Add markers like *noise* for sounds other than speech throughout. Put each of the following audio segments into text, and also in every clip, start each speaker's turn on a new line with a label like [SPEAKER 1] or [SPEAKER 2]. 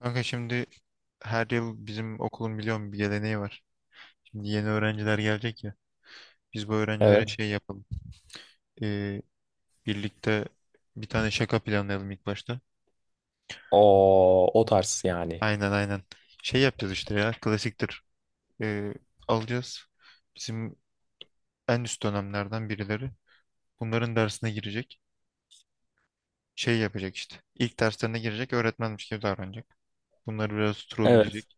[SPEAKER 1] Kanka şimdi her yıl bizim okulun biliyorum bir geleneği var. Şimdi yeni öğrenciler gelecek ya. Biz bu öğrencilere
[SPEAKER 2] Evet.
[SPEAKER 1] şey yapalım. Ee, Birlikte bir tane şaka planlayalım ilk başta.
[SPEAKER 2] O tarz yani.
[SPEAKER 1] Aynen aynen. Şey yapacağız işte ya klasiktir. Ee, Alacağız. Bizim en üst dönemlerden birileri. Bunların dersine girecek. Şey yapacak işte. İlk derslerine girecek öğretmenmiş gibi davranacak. Bunları biraz
[SPEAKER 2] Evet.
[SPEAKER 1] trolleyecek.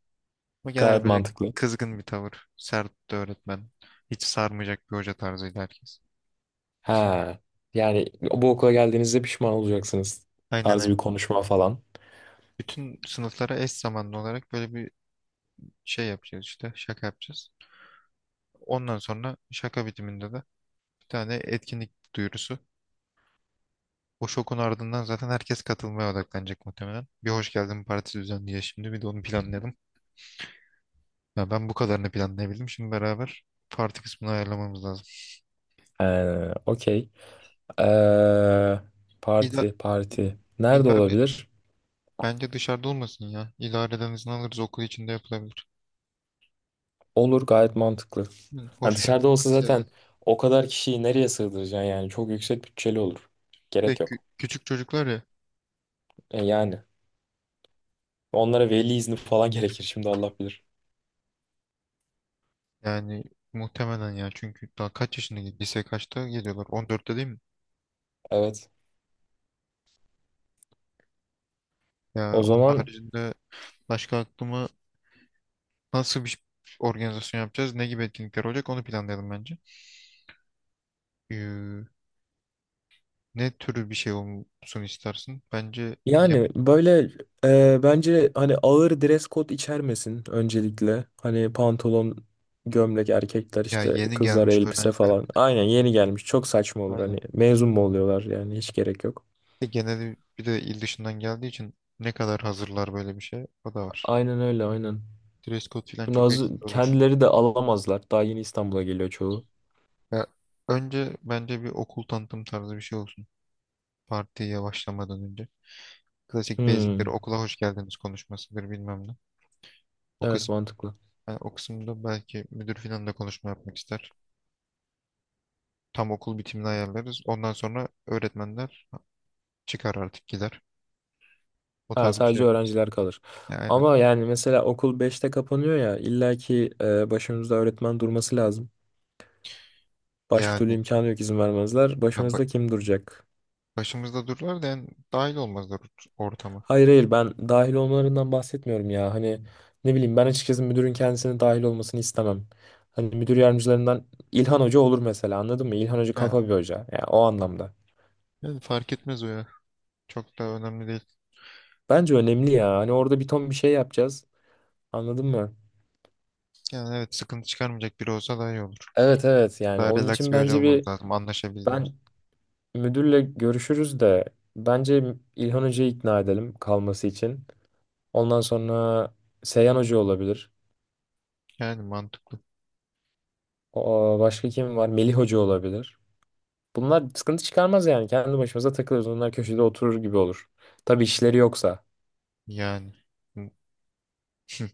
[SPEAKER 1] Ama genel
[SPEAKER 2] Gayet
[SPEAKER 1] böyle
[SPEAKER 2] mantıklı.
[SPEAKER 1] kızgın bir tavır. Sert de öğretmen. Hiç sarmayacak bir hoca tarzıydı herkes.
[SPEAKER 2] Ha. Yani bu okula geldiğinizde pişman olacaksınız.
[SPEAKER 1] Aynen aynen.
[SPEAKER 2] Tarzı bir konuşma falan.
[SPEAKER 1] Bütün sınıflara eş zamanlı olarak böyle bir şey yapacağız işte. Şaka yapacağız. Ondan sonra şaka bitiminde de bir tane etkinlik duyurusu. O şokun ardından zaten herkes katılmaya odaklanacak muhtemelen. Bir hoş geldin partisi düzenliyor şimdi. Bir de onu planlayalım. Ya ben bu kadarını planlayabildim. Şimdi beraber parti kısmını ayarlamamız lazım.
[SPEAKER 2] Okey. Ee,
[SPEAKER 1] İda
[SPEAKER 2] parti,
[SPEAKER 1] İ-
[SPEAKER 2] parti. Nerede
[SPEAKER 1] İdare,
[SPEAKER 2] olabilir?
[SPEAKER 1] bence dışarıda olmasın ya. İdareden izin alırız okul içinde yapılabilir.
[SPEAKER 2] Olur gayet mantıklı.
[SPEAKER 1] Hı,
[SPEAKER 2] Hani
[SPEAKER 1] hoş
[SPEAKER 2] dışarıda
[SPEAKER 1] geldin
[SPEAKER 2] olsa
[SPEAKER 1] partisi
[SPEAKER 2] zaten
[SPEAKER 1] yazarız.
[SPEAKER 2] o kadar kişiyi nereye sığdıracaksın yani çok yüksek bütçeli olur.
[SPEAKER 1] Ve
[SPEAKER 2] Gerek
[SPEAKER 1] kü-
[SPEAKER 2] yok.
[SPEAKER 1] küçük çocuklar ya.
[SPEAKER 2] E yani onlara veli izni falan *laughs* gerekir şimdi Allah bilir.
[SPEAKER 1] Yani muhtemelen ya çünkü daha kaç yaşında lise kaçta geliyorlar? 14'te değil mi?
[SPEAKER 2] Evet.
[SPEAKER 1] Ya
[SPEAKER 2] O
[SPEAKER 1] onun
[SPEAKER 2] zaman
[SPEAKER 1] haricinde başka aklıma nasıl bir organizasyon yapacağız? Ne gibi etkinlikler olacak? Onu planlayalım bence. Ee, Ne türü bir şey olsun istersin? Bence yeni,
[SPEAKER 2] yani böyle bence hani ağır dress code içermesin öncelikle. Hani pantolon, gömlek erkekler
[SPEAKER 1] ya
[SPEAKER 2] işte
[SPEAKER 1] yeni
[SPEAKER 2] kızlar
[SPEAKER 1] gelmiş
[SPEAKER 2] elbise
[SPEAKER 1] öğrenciler.
[SPEAKER 2] falan. Aynen yeni gelmiş çok saçma olur
[SPEAKER 1] Aynen.
[SPEAKER 2] hani mezun mu oluyorlar yani hiç gerek yok.
[SPEAKER 1] Genelde bir de il dışından geldiği için ne kadar hazırlar böyle bir şey? O da var.
[SPEAKER 2] Aynen öyle aynen.
[SPEAKER 1] Dress code falan
[SPEAKER 2] Şimdi
[SPEAKER 1] çok
[SPEAKER 2] az
[SPEAKER 1] eksik olur.
[SPEAKER 2] kendileri de alamazlar. Daha yeni İstanbul'a geliyor çoğu.
[SPEAKER 1] Ya önce bence bir okul tanıtım tarzı bir şey olsun. Partiye başlamadan önce. Klasik basicleri
[SPEAKER 2] Hmm,
[SPEAKER 1] okula hoş geldiniz konuşmasıdır bilmem ne. O
[SPEAKER 2] evet
[SPEAKER 1] kısım,
[SPEAKER 2] mantıklı.
[SPEAKER 1] o kısımda belki müdür filan da konuşma yapmak ister. Tam okul bitimini ayarlarız. Ondan sonra öğretmenler çıkar artık gider. O
[SPEAKER 2] Ha,
[SPEAKER 1] tarz bir şey
[SPEAKER 2] sadece
[SPEAKER 1] yaparız.
[SPEAKER 2] öğrenciler kalır.
[SPEAKER 1] Ya aynen.
[SPEAKER 2] Ama yani mesela okul beşte kapanıyor ya illaki başımızda öğretmen durması lazım. Başka türlü
[SPEAKER 1] Yani
[SPEAKER 2] imkanı yok izin vermezler.
[SPEAKER 1] ya ba-
[SPEAKER 2] Başımızda kim duracak?
[SPEAKER 1] başımızda dururlar da yani dahil olmazlar ortama.
[SPEAKER 2] Hayır hayır, ben dahil olmalarından bahsetmiyorum ya. Hani ne bileyim ben açıkçası müdürün kendisinin dahil olmasını istemem. Hani müdür yardımcılarından İlhan Hoca olur mesela, anladın mı? İlhan Hoca kafa
[SPEAKER 1] Ha,
[SPEAKER 2] bir hoca. Yani o anlamda.
[SPEAKER 1] yani fark etmez o ya. Çok da önemli değil.
[SPEAKER 2] Bence önemli ya. Hani orada bir ton bir şey yapacağız. Anladın mı?
[SPEAKER 1] Yani evet sıkıntı çıkarmayacak biri olsa daha iyi olur.
[SPEAKER 2] Evet evet, yani
[SPEAKER 1] Daha
[SPEAKER 2] onun
[SPEAKER 1] relax
[SPEAKER 2] için
[SPEAKER 1] bir hoca
[SPEAKER 2] bence
[SPEAKER 1] olmamız
[SPEAKER 2] bir
[SPEAKER 1] lazım anlaşabildiğimiz.
[SPEAKER 2] ben müdürle görüşürüz de bence İlhan Hoca'yı ikna edelim kalması için. Ondan sonra Seyhan Hoca olabilir.
[SPEAKER 1] Yani mantıklı.
[SPEAKER 2] O, başka kim var? Melih Hoca olabilir. Bunlar sıkıntı çıkarmaz yani. Kendi başımıza takılırız. Onlar köşede oturur gibi olur. Tabii işleri yoksa.
[SPEAKER 1] Yani.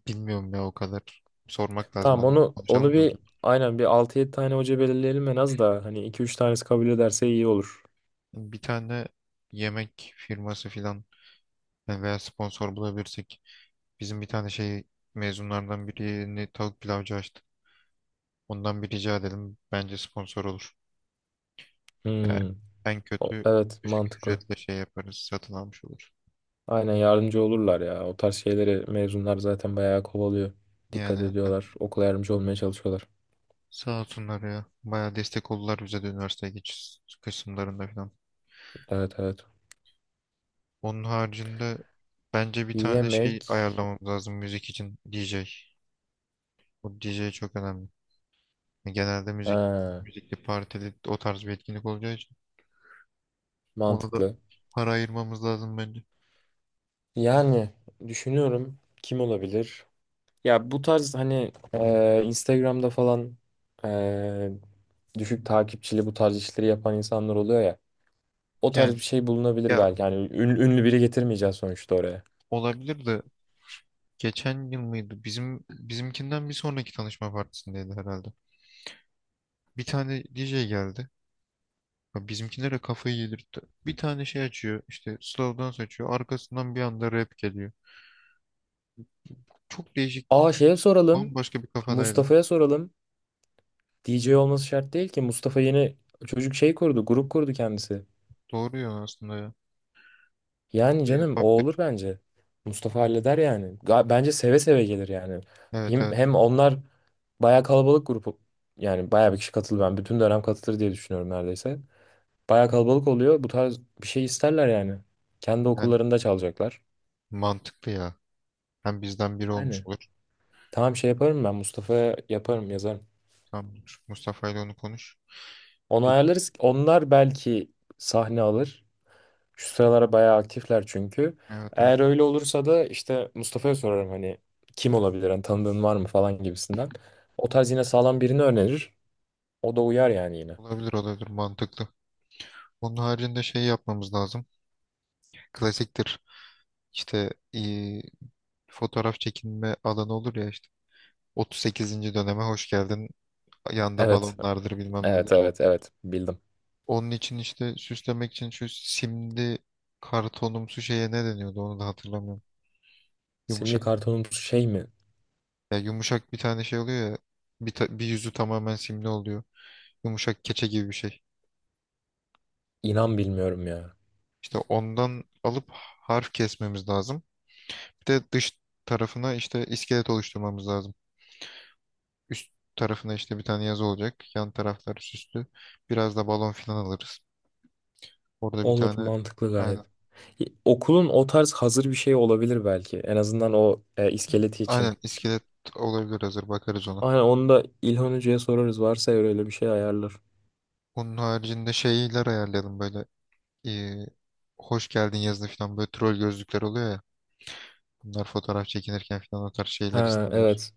[SPEAKER 1] Bilmiyorum ya o kadar. Sormak lazım
[SPEAKER 2] Tamam,
[SPEAKER 1] onları
[SPEAKER 2] onu
[SPEAKER 1] konuşalım da öyle.
[SPEAKER 2] bir aynen bir altı yedi tane hoca belirleyelim en az, da hani iki üç tanesi kabul ederse iyi olur.
[SPEAKER 1] Bir tane yemek firması filan yani veya sponsor bulabilirsek bizim bir tane şey mezunlardan birini tavuk pilavcı açtı. Ondan bir rica edelim. Bence sponsor olur.
[SPEAKER 2] Hmm.
[SPEAKER 1] En kötü
[SPEAKER 2] Evet,
[SPEAKER 1] düşük
[SPEAKER 2] mantıklı.
[SPEAKER 1] ücretle şey yaparız. Satın almış olur.
[SPEAKER 2] Aynen, yardımcı olurlar ya. O tarz şeyleri mezunlar zaten bayağı kovalıyor.
[SPEAKER 1] Yani
[SPEAKER 2] Dikkat
[SPEAKER 1] evet.
[SPEAKER 2] ediyorlar. Okula yardımcı olmaya çalışıyorlar.
[SPEAKER 1] Sağ olsunlar ya. Bayağı destek oldular bize de üniversiteye geçiş kısımlarında falan.
[SPEAKER 2] Evet evet.
[SPEAKER 1] Onun haricinde bence bir tane şey
[SPEAKER 2] Yemek.
[SPEAKER 1] ayarlamamız lazım müzik için DJ. Bu DJ çok önemli. Genelde müzik,
[SPEAKER 2] Ha,
[SPEAKER 1] müzikli partili o tarz bir etkinlik olacağı için ona da
[SPEAKER 2] mantıklı.
[SPEAKER 1] para ayırmamız lazım bence.
[SPEAKER 2] Yani düşünüyorum, kim olabilir? Ya bu tarz hani Instagram'da falan e, düşük takipçili bu tarz işleri yapan insanlar oluyor ya. O tarz
[SPEAKER 1] Yani
[SPEAKER 2] bir şey bulunabilir
[SPEAKER 1] ya
[SPEAKER 2] belki. Yani ünlü biri getirmeyeceğiz sonuçta oraya.
[SPEAKER 1] olabilir de geçen yıl mıydı? Bizim bizimkinden bir sonraki tanışma partisindeydi herhalde. Bir tane DJ geldi. Ya bizimkilere kafayı yedirtti. Bir tane şey açıyor, işte slow dance açıyor. Arkasından bir anda rap geliyor. Çok değişik,
[SPEAKER 2] Aa, şeye soralım.
[SPEAKER 1] bambaşka bir kafadaydı.
[SPEAKER 2] Mustafa'ya soralım. DJ olması şart değil ki. Mustafa yeni çocuk şey kurdu, grup kurdu kendisi.
[SPEAKER 1] Doğru ya aslında ya.
[SPEAKER 2] Yani
[SPEAKER 1] Bu da
[SPEAKER 2] canım o olur
[SPEAKER 1] yapabilir.
[SPEAKER 2] bence. Mustafa halleder yani. Bence seve seve gelir yani.
[SPEAKER 1] Evet
[SPEAKER 2] Hem,
[SPEAKER 1] evet.
[SPEAKER 2] hem onlar bayağı kalabalık grup. Yani bayağı bir kişi katılır. Ben bütün dönem katılır diye düşünüyorum neredeyse. Bayağı kalabalık oluyor. Bu tarz bir şey isterler yani. Kendi
[SPEAKER 1] Yani
[SPEAKER 2] okullarında çalacaklar.
[SPEAKER 1] mantıklı ya. Hem bizden biri olmuş
[SPEAKER 2] Yani
[SPEAKER 1] olur.
[SPEAKER 2] tamam, şey yaparım, ben Mustafa'ya yaparım, yazarım.
[SPEAKER 1] Tamam. Mustafa ile onu konuş.
[SPEAKER 2] Onu
[SPEAKER 1] Bir de,
[SPEAKER 2] ayarlarız. Onlar belki sahne alır. Şu sıralar bayağı aktifler çünkü.
[SPEAKER 1] evet evet.
[SPEAKER 2] Eğer öyle olursa da işte Mustafa'ya sorarım hani kim olabilir, hani tanıdığın var mı falan gibisinden. O tarz yine sağlam birini önerir. O da uyar yani yine.
[SPEAKER 1] Olabilir olabilir mantıklı. Onun haricinde şey yapmamız lazım. Klasiktir. İşte e, fotoğraf çekinme alanı olur ya işte. 38. döneme hoş geldin. Yanda
[SPEAKER 2] Evet,
[SPEAKER 1] balonlardır bilmem
[SPEAKER 2] evet,
[SPEAKER 1] nedir.
[SPEAKER 2] evet, evet, bildim.
[SPEAKER 1] Onun için işte süslemek için şu simli kartonumsu şeye ne deniyordu onu da hatırlamıyorum.
[SPEAKER 2] Simli
[SPEAKER 1] Yumuşak.
[SPEAKER 2] kartonumuz şey mi?
[SPEAKER 1] Ya yumuşak bir tane şey oluyor ya. Bir yüzü tamamen simli oluyor. Yumuşak keçe gibi bir şey.
[SPEAKER 2] İnan bilmiyorum ya.
[SPEAKER 1] İşte ondan alıp harf kesmemiz lazım. Bir de dış tarafına işte iskelet oluşturmamız lazım. Üst tarafına işte bir tane yazı olacak. Yan taraflar süslü. Biraz da balon filan alırız. Orada bir
[SPEAKER 2] Olur,
[SPEAKER 1] tane
[SPEAKER 2] mantıklı gayet.
[SPEAKER 1] aynen,
[SPEAKER 2] Okulun o tarz hazır bir şey olabilir belki. En azından o iskeleti
[SPEAKER 1] aynen
[SPEAKER 2] için.
[SPEAKER 1] iskelet olabilir hazır bakarız ona.
[SPEAKER 2] Aynen, onu da İlhan Hoca'ya sorarız. Varsa eğer öyle bir şey ayarlar.
[SPEAKER 1] Onun haricinde şeyler ayarlayalım böyle eee, hoş geldin yazılı falan böyle troll gözlükler oluyor ya. Bunlar fotoğraf çekinirken falan o tarz şeyler
[SPEAKER 2] Ha
[SPEAKER 1] isterler.
[SPEAKER 2] evet.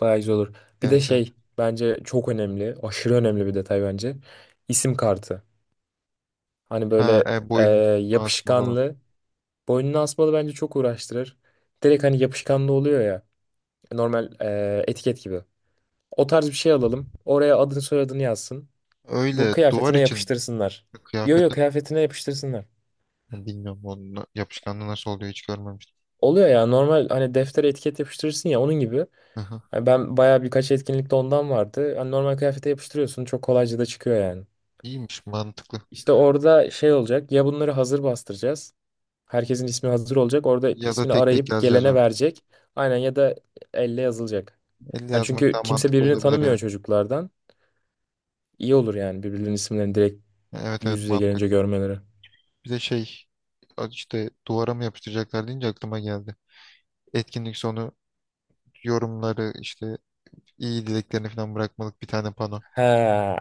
[SPEAKER 2] Bayağı güzel olur. Bir de
[SPEAKER 1] Evet evet.
[SPEAKER 2] şey bence çok önemli. Aşırı önemli bir detay bence. İsim kartı. Hani
[SPEAKER 1] Ha,
[SPEAKER 2] böyle e,
[SPEAKER 1] boyun asmalı olan.
[SPEAKER 2] yapışkanlı. Boynuna asmalı bence çok uğraştırır. Direkt hani yapışkanlı oluyor ya. Normal etiket gibi. O tarz bir şey alalım. Oraya adını soyadını yazsın. Bu
[SPEAKER 1] Öyle duvar
[SPEAKER 2] kıyafetine
[SPEAKER 1] için
[SPEAKER 2] yapıştırsınlar. Yo yo,
[SPEAKER 1] kıyafetin.
[SPEAKER 2] kıyafetine yapıştırsınlar.
[SPEAKER 1] Yani bilmiyorum onun yapışkanlığı nasıl oluyor hiç görmemiştim.
[SPEAKER 2] Oluyor ya, normal hani deftere etiket yapıştırırsın ya, onun gibi.
[SPEAKER 1] Aha,
[SPEAKER 2] Hani ben bayağı birkaç etkinlikte ondan vardı. Hani normal kıyafete yapıştırıyorsun, çok kolayca da çıkıyor yani.
[SPEAKER 1] iyiymiş mantıklı.
[SPEAKER 2] İşte orada şey olacak ya, bunları hazır bastıracağız. Herkesin ismi hazır olacak. Orada
[SPEAKER 1] Ya da
[SPEAKER 2] ismini
[SPEAKER 1] tek tek
[SPEAKER 2] arayıp
[SPEAKER 1] yazacağız
[SPEAKER 2] gelene
[SPEAKER 1] orada.
[SPEAKER 2] verecek. Aynen, ya da elle yazılacak.
[SPEAKER 1] Elle
[SPEAKER 2] Hani
[SPEAKER 1] yazmak daha
[SPEAKER 2] çünkü kimse
[SPEAKER 1] mantıklı
[SPEAKER 2] birbirini
[SPEAKER 1] olabilir
[SPEAKER 2] tanımıyor
[SPEAKER 1] ya.
[SPEAKER 2] çocuklardan. İyi olur yani birbirlerinin isimlerini direkt
[SPEAKER 1] Evet evet
[SPEAKER 2] yüz yüze gelince
[SPEAKER 1] mantıklı.
[SPEAKER 2] görmeleri.
[SPEAKER 1] Bir de şey işte duvara mı yapıştıracaklar deyince aklıma geldi. Etkinlik sonu yorumları işte iyi dileklerini falan bırakmalık bir tane pano.
[SPEAKER 2] He,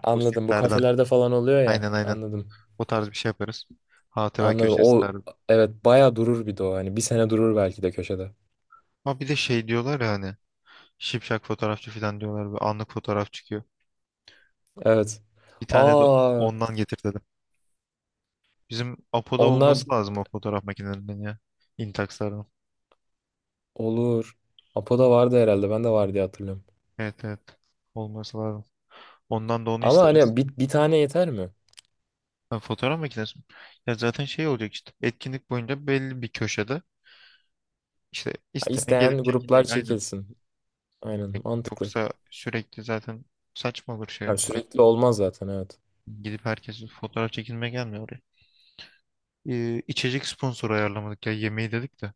[SPEAKER 2] anladım. Bu
[SPEAKER 1] Postitlerden.
[SPEAKER 2] kafelerde falan oluyor ya.
[SPEAKER 1] Aynen aynen.
[SPEAKER 2] Anladım.
[SPEAKER 1] O tarz bir şey yaparız. Hatıra
[SPEAKER 2] Anladım.
[SPEAKER 1] köşesi
[SPEAKER 2] O,
[SPEAKER 1] tarzı.
[SPEAKER 2] evet, bayağı durur bir de o. Hani bir sene durur belki de köşede.
[SPEAKER 1] Ama bir de şey diyorlar ya hani şipşak fotoğrafçı falan diyorlar ve anlık fotoğraf çıkıyor.
[SPEAKER 2] Evet.
[SPEAKER 1] Bir tane de
[SPEAKER 2] Aa,
[SPEAKER 1] ondan getir dedim. Bizim Apo'da
[SPEAKER 2] onlar
[SPEAKER 1] olması lazım o fotoğraf makinelerinden ya. Intax'ların.
[SPEAKER 2] olur. Apo'da vardı herhalde. Ben de var diye hatırlıyorum.
[SPEAKER 1] Evet evet. Olması lazım. Ondan da onu
[SPEAKER 2] Ama
[SPEAKER 1] isteriz.
[SPEAKER 2] hani bir tane yeter mi?
[SPEAKER 1] Ha, fotoğraf makinesi mi? Ya zaten şey olacak işte. Etkinlik boyunca belli bir köşede işte
[SPEAKER 2] Ha,
[SPEAKER 1] isteyen
[SPEAKER 2] isteyen
[SPEAKER 1] gelip
[SPEAKER 2] gruplar
[SPEAKER 1] çekinecek. Aynen.
[SPEAKER 2] çekilsin. Aynen, mantıklı.
[SPEAKER 1] Yoksa sürekli zaten saçma olur şey.
[SPEAKER 2] Ya
[SPEAKER 1] Ay,
[SPEAKER 2] sürekli olmaz zaten, evet.
[SPEAKER 1] gidip herkes fotoğraf çekinmeye gelmiyor oraya. İçecek sponsoru ayarlamadık ya. Yemeği dedik de.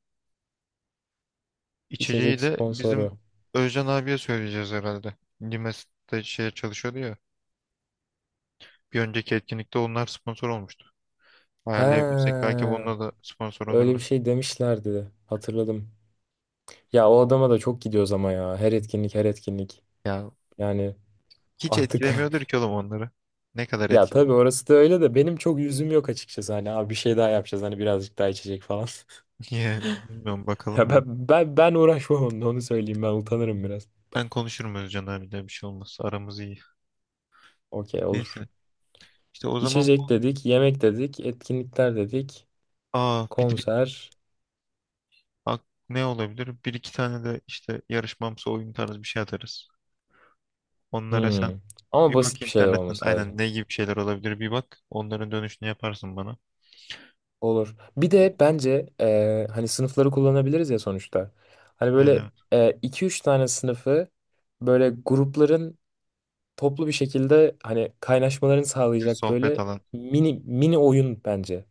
[SPEAKER 1] İçeceği
[SPEAKER 2] İçecek
[SPEAKER 1] de bizim
[SPEAKER 2] sponsoru.
[SPEAKER 1] Özcan abiye söyleyeceğiz herhalde. Limes'te şeye çalışıyordu ya. Bir önceki etkinlikte onlar sponsor olmuştu.
[SPEAKER 2] Ha,
[SPEAKER 1] Ayarlayabilirsek belki bununla da sponsor
[SPEAKER 2] öyle bir
[SPEAKER 1] olurlar.
[SPEAKER 2] şey demişlerdi. Hatırladım. Ya o adama da çok gidiyoruz ama ya. Her etkinlik her etkinlik.
[SPEAKER 1] Ya
[SPEAKER 2] Yani
[SPEAKER 1] hiç
[SPEAKER 2] artık *laughs*
[SPEAKER 1] etkilemiyordur ki oğlum onları. Ne kadar
[SPEAKER 2] ya
[SPEAKER 1] etkiliyor?
[SPEAKER 2] tabii orası da öyle de benim çok yüzüm yok açıkçası. Hani abi bir şey daha yapacağız hani birazcık daha içecek falan. *laughs*
[SPEAKER 1] *laughs* Yani bilmiyorum bakalım
[SPEAKER 2] Ya
[SPEAKER 1] ya.
[SPEAKER 2] ben uğraşmam onunla, onu söyleyeyim, ben utanırım biraz.
[SPEAKER 1] Ben konuşurum Özcan abiyle bir şey olmaz. Aramız iyi.
[SPEAKER 2] Okey, olur.
[SPEAKER 1] Neyse. İşte o zaman bu
[SPEAKER 2] İçecek dedik, yemek dedik, etkinlikler dedik,
[SPEAKER 1] aa bir de-
[SPEAKER 2] konser.
[SPEAKER 1] ak- ne olabilir? Bir iki tane de işte yarışmamsı oyun tarzı bir şey atarız. Onlara
[SPEAKER 2] Hmm.
[SPEAKER 1] sen
[SPEAKER 2] Ama
[SPEAKER 1] bir bak
[SPEAKER 2] basit bir şeyler
[SPEAKER 1] internetten
[SPEAKER 2] olması
[SPEAKER 1] aynen
[SPEAKER 2] lazım.
[SPEAKER 1] ne gibi şeyler olabilir bir bak. Onların dönüşünü yaparsın bana.
[SPEAKER 2] Olur. Bir de bence hani sınıfları kullanabiliriz ya sonuçta. Hani böyle
[SPEAKER 1] Yani
[SPEAKER 2] iki üç tane sınıfı böyle grupların toplu bir şekilde hani kaynaşmalarını
[SPEAKER 1] bir
[SPEAKER 2] sağlayacak
[SPEAKER 1] sohbet
[SPEAKER 2] böyle
[SPEAKER 1] alanı.
[SPEAKER 2] mini oyun bence.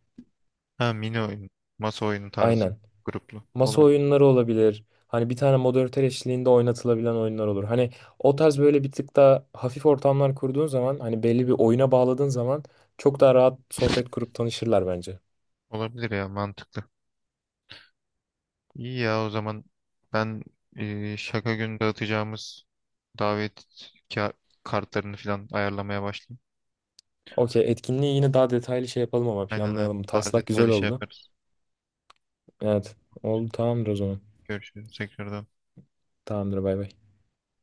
[SPEAKER 1] Ha mini oyun. Masa oyunu tarzı
[SPEAKER 2] Aynen.
[SPEAKER 1] gruplu.
[SPEAKER 2] Masa
[SPEAKER 1] Olabilir.
[SPEAKER 2] oyunları olabilir. Hani bir tane moderatör eşliğinde oynatılabilen oyunlar olur. Hani o tarz böyle bir tık daha hafif ortamlar kurduğun zaman hani belli bir oyuna bağladığın zaman çok daha rahat sohbet kurup tanışırlar bence.
[SPEAKER 1] Olabilir ya mantıklı. İyi ya o zaman ben şaka günü dağıtacağımız davet ka- kartlarını falan ayarlamaya başlayayım.
[SPEAKER 2] Okey, etkinliği yine daha detaylı şey yapalım ama,
[SPEAKER 1] Aynen öyle.
[SPEAKER 2] planlayalım.
[SPEAKER 1] Daha
[SPEAKER 2] Taslak güzel
[SPEAKER 1] detaylı şey
[SPEAKER 2] oldu.
[SPEAKER 1] yaparız.
[SPEAKER 2] Evet. Oldu, tamamdır o zaman.
[SPEAKER 1] Görüşürüz tekrardan.
[SPEAKER 2] Tamamdır, bay bay.